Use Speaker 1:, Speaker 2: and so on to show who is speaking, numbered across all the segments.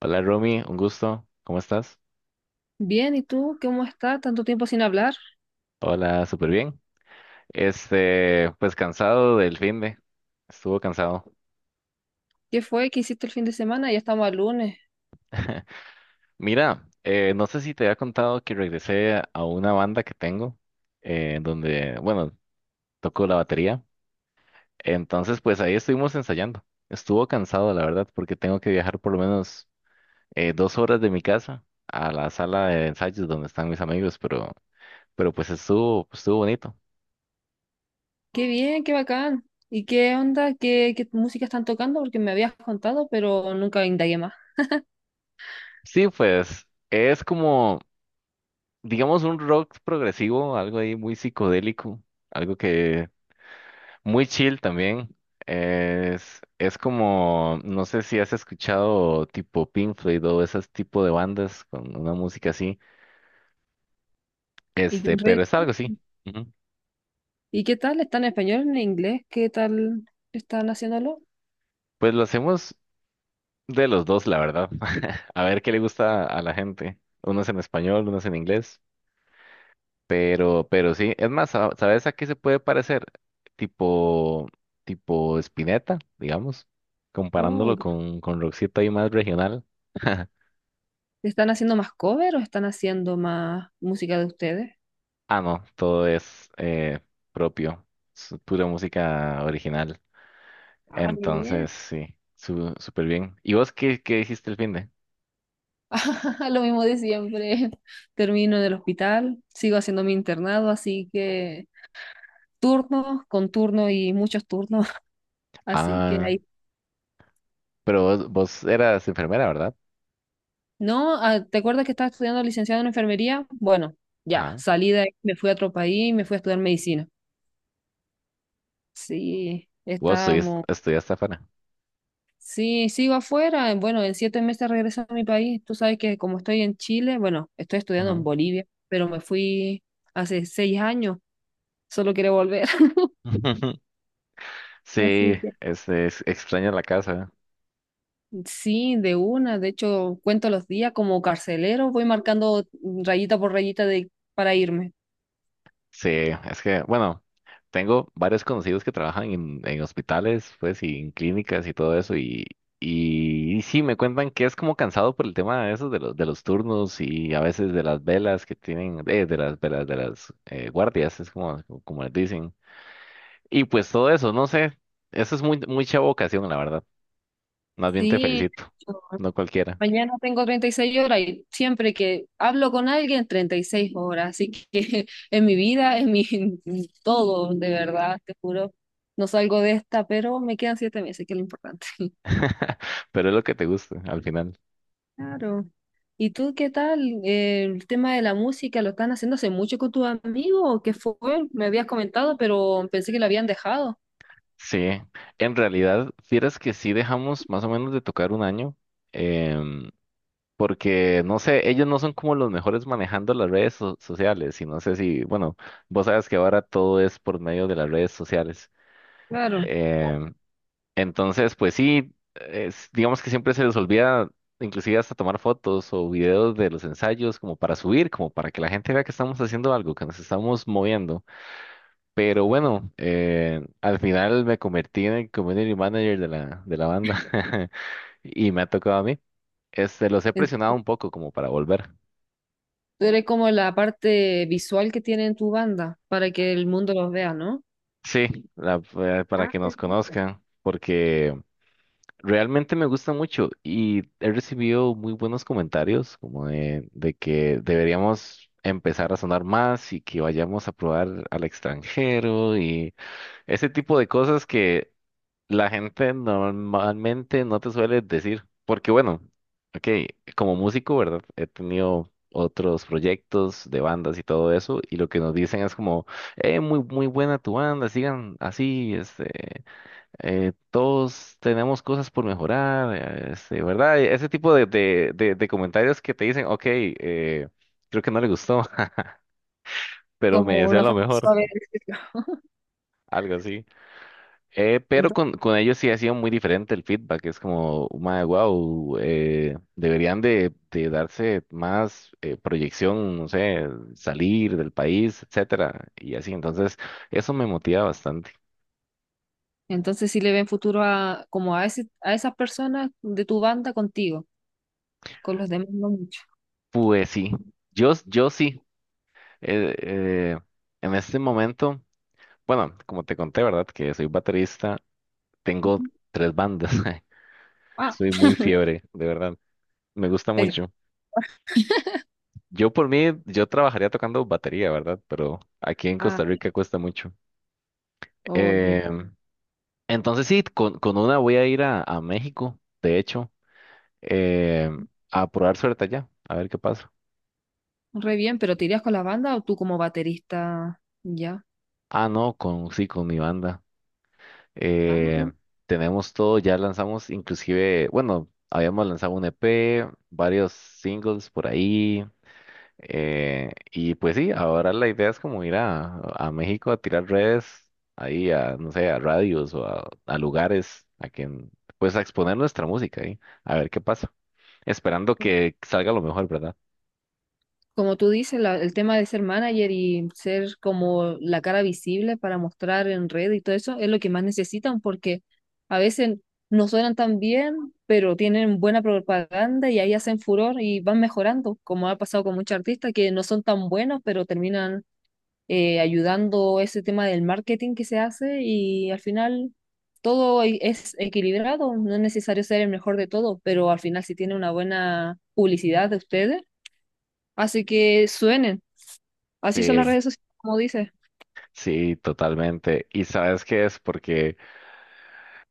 Speaker 1: Hola Romy, un gusto. ¿Cómo estás?
Speaker 2: Bien, ¿y tú cómo estás? Tanto tiempo sin hablar.
Speaker 1: Hola, súper bien. Pues cansado del fin de. Estuvo cansado.
Speaker 2: ¿Qué fue? ¿Qué hiciste el fin de semana? Ya estamos al lunes.
Speaker 1: Mira, no sé si te había contado que regresé a una banda que tengo, donde, bueno, toco la batería. Entonces, pues ahí estuvimos ensayando. Estuvo cansado, la verdad, porque tengo que viajar por lo menos dos horas de mi casa a la sala de ensayos donde están mis amigos, pero, pero pues estuvo bonito.
Speaker 2: Qué bien, qué bacán. ¿Y qué onda? ¿Qué música están tocando? Porque me habías contado, pero nunca indagué más.
Speaker 1: Sí, pues es como digamos, un rock progresivo, algo ahí muy psicodélico, algo que muy chill también. Es como, no sé si has escuchado tipo Pink Floyd o ese tipo de bandas con una música así,
Speaker 2: ¿Y, re-
Speaker 1: pero es algo así. Ujú.
Speaker 2: ¿Y qué tal? ¿Están en español, en inglés? ¿Qué tal están haciéndolo?
Speaker 1: Pues lo hacemos de los dos, la verdad. A ver qué le gusta a la gente. Unos en español, unos en inglés. Pero sí, es más, ¿sabes a qué se puede parecer? Tipo, tipo Spinetta, digamos,
Speaker 2: Oh,
Speaker 1: comparándolo
Speaker 2: ya.
Speaker 1: con Roxito ahí más regional.
Speaker 2: ¿Están haciendo más cover o están haciendo más música de ustedes?
Speaker 1: Ah, no, todo es propio, es pura música original.
Speaker 2: Ah, muy
Speaker 1: Entonces,
Speaker 2: bien.
Speaker 1: sí, súper bien. ¿Y vos qué, qué hiciste el fin de?
Speaker 2: Lo mismo de siempre. Termino del hospital, sigo haciendo mi internado, así que turnos con turno y muchos turnos, así que
Speaker 1: Ah,
Speaker 2: ahí.
Speaker 1: pero vos, vos eras enfermera, ¿verdad?
Speaker 2: No, ah, ¿te acuerdas que estaba estudiando licenciado en enfermería? Bueno, ya,
Speaker 1: Ajá.
Speaker 2: salí de ahí, me fui a otro país y me fui a estudiar medicina. Sí, estábamos.
Speaker 1: Estudiaste afuera.
Speaker 2: Sí, sigo afuera. Bueno, en 7 meses regreso a mi país. Tú sabes que como estoy en Chile, bueno, estoy estudiando en
Speaker 1: Ujú.
Speaker 2: Bolivia, pero me fui hace 6 años. Solo quiero volver.
Speaker 1: Sí,
Speaker 2: Así que.
Speaker 1: es extraña la casa.
Speaker 2: Sí, de una. De hecho, cuento los días como carcelero. Voy marcando rayita por para irme.
Speaker 1: Sí, es que, bueno, tengo varios conocidos que trabajan en hospitales, pues, y en clínicas y todo eso, y y sí, me cuentan que es como cansado por el tema de esos, de los turnos y a veces de las velas que tienen, de las velas, de las guardias, es como, como les dicen. Y pues todo eso, no sé, eso es muy, mucha vocación, la verdad. Más bien te
Speaker 2: Sí,
Speaker 1: felicito,
Speaker 2: yo
Speaker 1: no cualquiera,
Speaker 2: mañana tengo 36 horas y siempre que hablo con alguien, 36 horas. Así que en mi vida, en todo, de verdad, te juro, no salgo de esta, pero me quedan 7 meses, que es lo importante.
Speaker 1: pero es lo que te gusta al final.
Speaker 2: Claro. ¿Y tú qué tal? El tema de la música, ¿lo están haciendo hace mucho con tus amigos? ¿O qué fue? Me habías comentado, pero pensé que lo habían dejado.
Speaker 1: Sí, en realidad, fieras que sí dejamos más o menos de tocar un año, em, porque no sé, ellos no son como los mejores manejando las redes sociales, y no sé si, bueno, vos sabes que ahora todo es por medio de las redes sociales.
Speaker 2: Claro.
Speaker 1: Em, entonces, pues sí, digamos que siempre se les olvida inclusive hasta tomar fotos o videos de los ensayos como para subir, como para que la gente vea que estamos haciendo algo, que nos estamos moviendo. Pero bueno, al final me convertí en el community manager de la banda y me ha tocado a mí. Este, los he
Speaker 2: En-
Speaker 1: presionado un poco como para volver.
Speaker 2: Tú eres como la parte visual que tiene en tu banda, para que el mundo los vea, ¿no?
Speaker 1: Sí, para
Speaker 2: Ah,
Speaker 1: que
Speaker 2: qué
Speaker 1: nos
Speaker 2: lindo.
Speaker 1: conozcan, porque realmente me gusta mucho y he recibido muy buenos comentarios como de que deberíamos empezar a sonar más y que vayamos a probar al extranjero y ese tipo de cosas que la gente normalmente no te suele decir, porque bueno, ok, como músico, ¿verdad? He tenido otros proyectos de bandas y todo eso, y lo que nos dicen es como, muy buena tu banda, sigan así, todos tenemos cosas por mejorar, ¿verdad? Ese tipo de de comentarios que te dicen, ok, creo que no le gustó, pero me
Speaker 2: Como
Speaker 1: desea
Speaker 2: una
Speaker 1: lo
Speaker 2: forma
Speaker 1: mejor,
Speaker 2: suave de decirlo.
Speaker 1: algo así. Pero
Speaker 2: Ento-
Speaker 1: con ellos sí ha sido muy diferente el feedback. Es como, wow, deberían de darse más proyección, no sé, salir del país, etcétera, y así. Entonces, eso me motiva bastante.
Speaker 2: Entonces, sí le ven futuro a como a ese, a esas personas de tu banda contigo, con los demás no mucho.
Speaker 1: Pues sí, yo sí. eh, eh, en este momento, bueno, como te conté, ¿verdad? Que soy baterista, tengo
Speaker 2: Ujú.
Speaker 1: tres bandas.
Speaker 2: Ah,
Speaker 1: Soy muy fiebre, de verdad. Me gusta
Speaker 2: el-
Speaker 1: mucho. Yo por mí, yo trabajaría tocando batería, ¿verdad? Pero aquí en
Speaker 2: ah,
Speaker 1: Costa Rica cuesta mucho.
Speaker 2: Oye,
Speaker 1: Eh, entonces sí, con una voy a ir a México, de hecho, eh, a probar suerte allá, a ver qué pasa.
Speaker 2: re bien, pero ¿te irías con la banda o tú como baterista? Ya,
Speaker 1: Ah, no, con, sí, con mi banda.
Speaker 2: ya,
Speaker 1: Eh,
Speaker 2: ok.
Speaker 1: Tenemos todo, ya lanzamos inclusive, bueno, habíamos lanzado un EP, varios singles por ahí. Y pues sí, ahora la idea es como ir a México a tirar redes, ahí a, no sé, a radios o a lugares, a quien, pues a exponer nuestra música ahí, a ver qué pasa, esperando que salga lo mejor, ¿verdad?
Speaker 2: Como tú dices, el tema de ser manager y ser como la cara visible para mostrar en red y todo eso es lo que más necesitan porque a veces no suenan tan bien, pero tienen buena propaganda y ahí hacen furor y van mejorando, como ha pasado con muchos artistas que no son tan buenos, pero terminan ayudando ese tema del marketing que se hace y al final es equilibrado, no es necesario ser el mejor de todo, pero al final si tiene una buena publicidad de ustedes. Así que suenen. Así son
Speaker 1: Sí,
Speaker 2: las redes sociales, como dices.
Speaker 1: sí, totalmente. ¿Y sabes qué es? Porque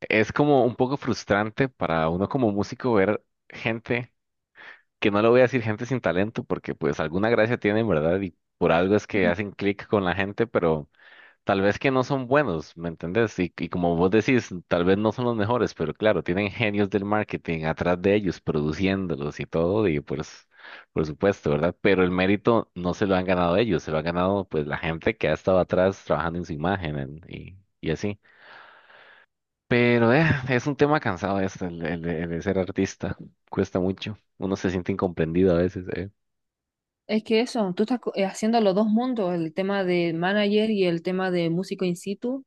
Speaker 1: es como un poco frustrante para uno como músico ver gente, que no le voy a decir gente sin talento, porque pues alguna gracia tienen, ¿verdad? Y por algo es que hacen clic con la gente, pero tal vez que no son buenos, ¿me entendés? Y como vos decís, tal vez no son los mejores, pero claro, tienen genios del marketing atrás de ellos, produciéndolos y todo, y pues, por supuesto, ¿verdad? Pero el mérito no se lo han ganado ellos, se lo ha ganado pues la gente que ha estado atrás trabajando en su imagen y así. Pero es un tema cansado este, el de ser artista, cuesta mucho, uno se siente incomprendido a veces, eh.
Speaker 2: Es que eso, tú estás haciendo los dos mundos, el tema de manager y el tema de músico in situ,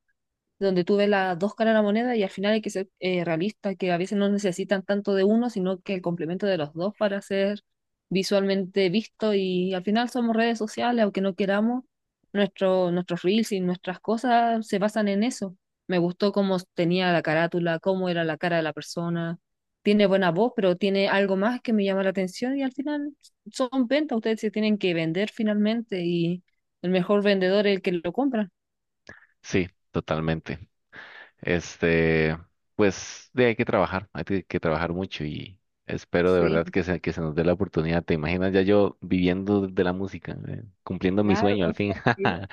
Speaker 2: donde tú ves las dos caras de la moneda y al final hay que ser realista, que a veces no necesitan tanto de uno, sino que el complemento de los dos para ser visualmente visto, y al final somos redes sociales, aunque no queramos, nuestros reels y nuestras cosas se basan en eso. Me gustó cómo tenía la carátula, cómo era la cara de la persona. Tiene buena voz, pero tiene algo más que me llama la atención, y al final son ventas, ustedes se tienen que vender finalmente, y el mejor vendedor es el que lo compra.
Speaker 1: Sí, totalmente. Este, pues de hay que trabajar, que trabajar mucho y espero de
Speaker 2: Sí.
Speaker 1: verdad que se nos dé la oportunidad. ¿Te imaginas ya yo viviendo de la música, cumpliendo mi
Speaker 2: Claro,
Speaker 1: sueño
Speaker 2: o
Speaker 1: al fin?
Speaker 2: sea, sí.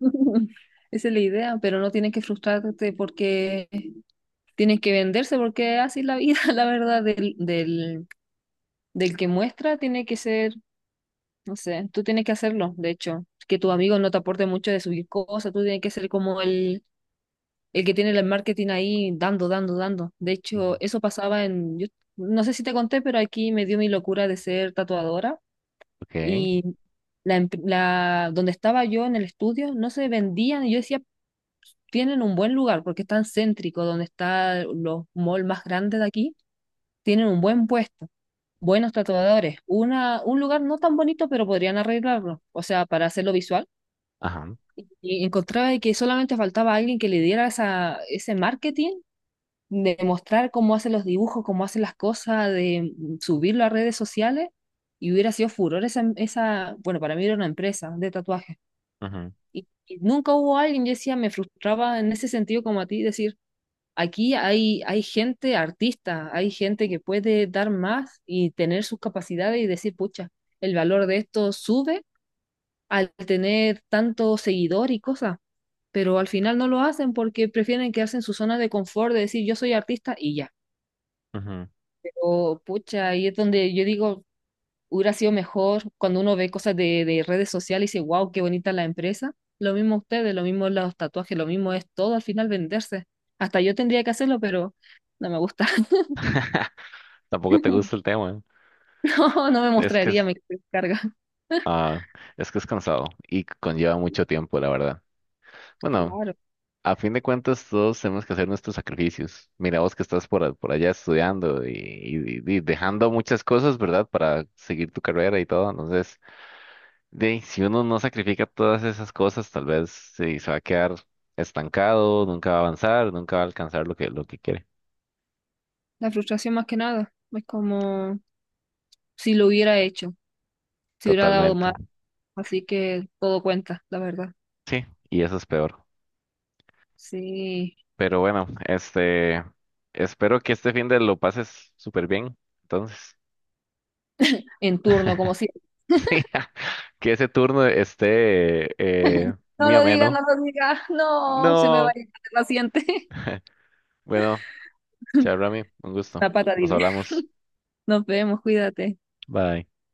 Speaker 2: Esa es la idea, pero no tienes que frustrarte porque tienes que venderse, porque así es la vida, la verdad, del que muestra tiene que ser, no sé, tú tienes que hacerlo, de hecho, que tu amigo no te aporte mucho de subir cosas, tú tienes que ser como el que tiene el marketing ahí dando, dando, dando. De
Speaker 1: Mm.
Speaker 2: hecho, eso pasaba en, yo no sé si te conté, pero aquí me dio mi locura de ser tatuadora,
Speaker 1: Ok,
Speaker 2: y donde estaba yo en el estudio no se vendían. Y yo decía, tienen un buen lugar porque están céntrico, donde están los malls más grandes de aquí, tienen un buen puesto, buenos tatuadores, una, un lugar no tan bonito, pero podrían arreglarlo, o sea, para hacerlo visual.
Speaker 1: ajá,
Speaker 2: Y encontraba de que solamente faltaba alguien que le diera ese marketing, de mostrar cómo hacen los dibujos, cómo hacen las cosas, de subirlo a redes sociales, y hubiera sido furor esa, esa bueno, para mí era una empresa de tatuajes.
Speaker 1: ujú,
Speaker 2: Y nunca hubo alguien, yo decía, me frustraba en ese sentido como a ti, decir, aquí hay gente artista, hay gente que puede dar más y tener sus capacidades y decir, pucha, el valor de esto sube al tener tanto seguidor y cosas, pero al final no lo hacen porque prefieren quedarse en su zona de confort de decir, yo soy artista y ya.
Speaker 1: ujú.
Speaker 2: Pero pucha, ahí es donde yo digo, hubiera sido mejor cuando uno ve cosas de redes sociales y dice, wow, qué bonita la empresa. Lo mismo ustedes, lo mismo los tatuajes, lo mismo es todo al final venderse. Hasta yo tendría que hacerlo, pero no me gusta.
Speaker 1: Tampoco te gusta el tema.
Speaker 2: No, no me
Speaker 1: ¿Eh? Es que
Speaker 2: mostraría, me carga.
Speaker 1: ah, es que es cansado y conlleva mucho tiempo, la verdad. Bueno,
Speaker 2: Claro,
Speaker 1: a fin de cuentas, todos tenemos que hacer nuestros sacrificios. Mira vos que estás por, por allá estudiando y, y dejando muchas cosas, ¿verdad? Para seguir tu carrera y todo. Entonces, de, ahí, si uno no sacrifica todas esas cosas, tal vez sí, se va a quedar estancado, nunca va a avanzar, nunca va a alcanzar lo que quiere.
Speaker 2: la frustración más que nada. Es como si lo hubiera hecho, si hubiera dado más.
Speaker 1: Totalmente.
Speaker 2: Así que todo cuenta, la verdad.
Speaker 1: Sí, y eso es peor.
Speaker 2: Sí,
Speaker 1: Pero bueno, este, espero que este fin de lo pases súper bien. Entonces,
Speaker 2: en turno, como si
Speaker 1: sí, que ese turno esté
Speaker 2: no
Speaker 1: muy
Speaker 2: lo digas, no
Speaker 1: ameno.
Speaker 2: lo digas, no, se me va
Speaker 1: No.
Speaker 2: a ir el paciente.
Speaker 1: Bueno, chao, Rami, un
Speaker 2: La
Speaker 1: gusto.
Speaker 2: pata,
Speaker 1: Nos
Speaker 2: dime.
Speaker 1: hablamos.
Speaker 2: Nos vemos, cuídate.
Speaker 1: Bye.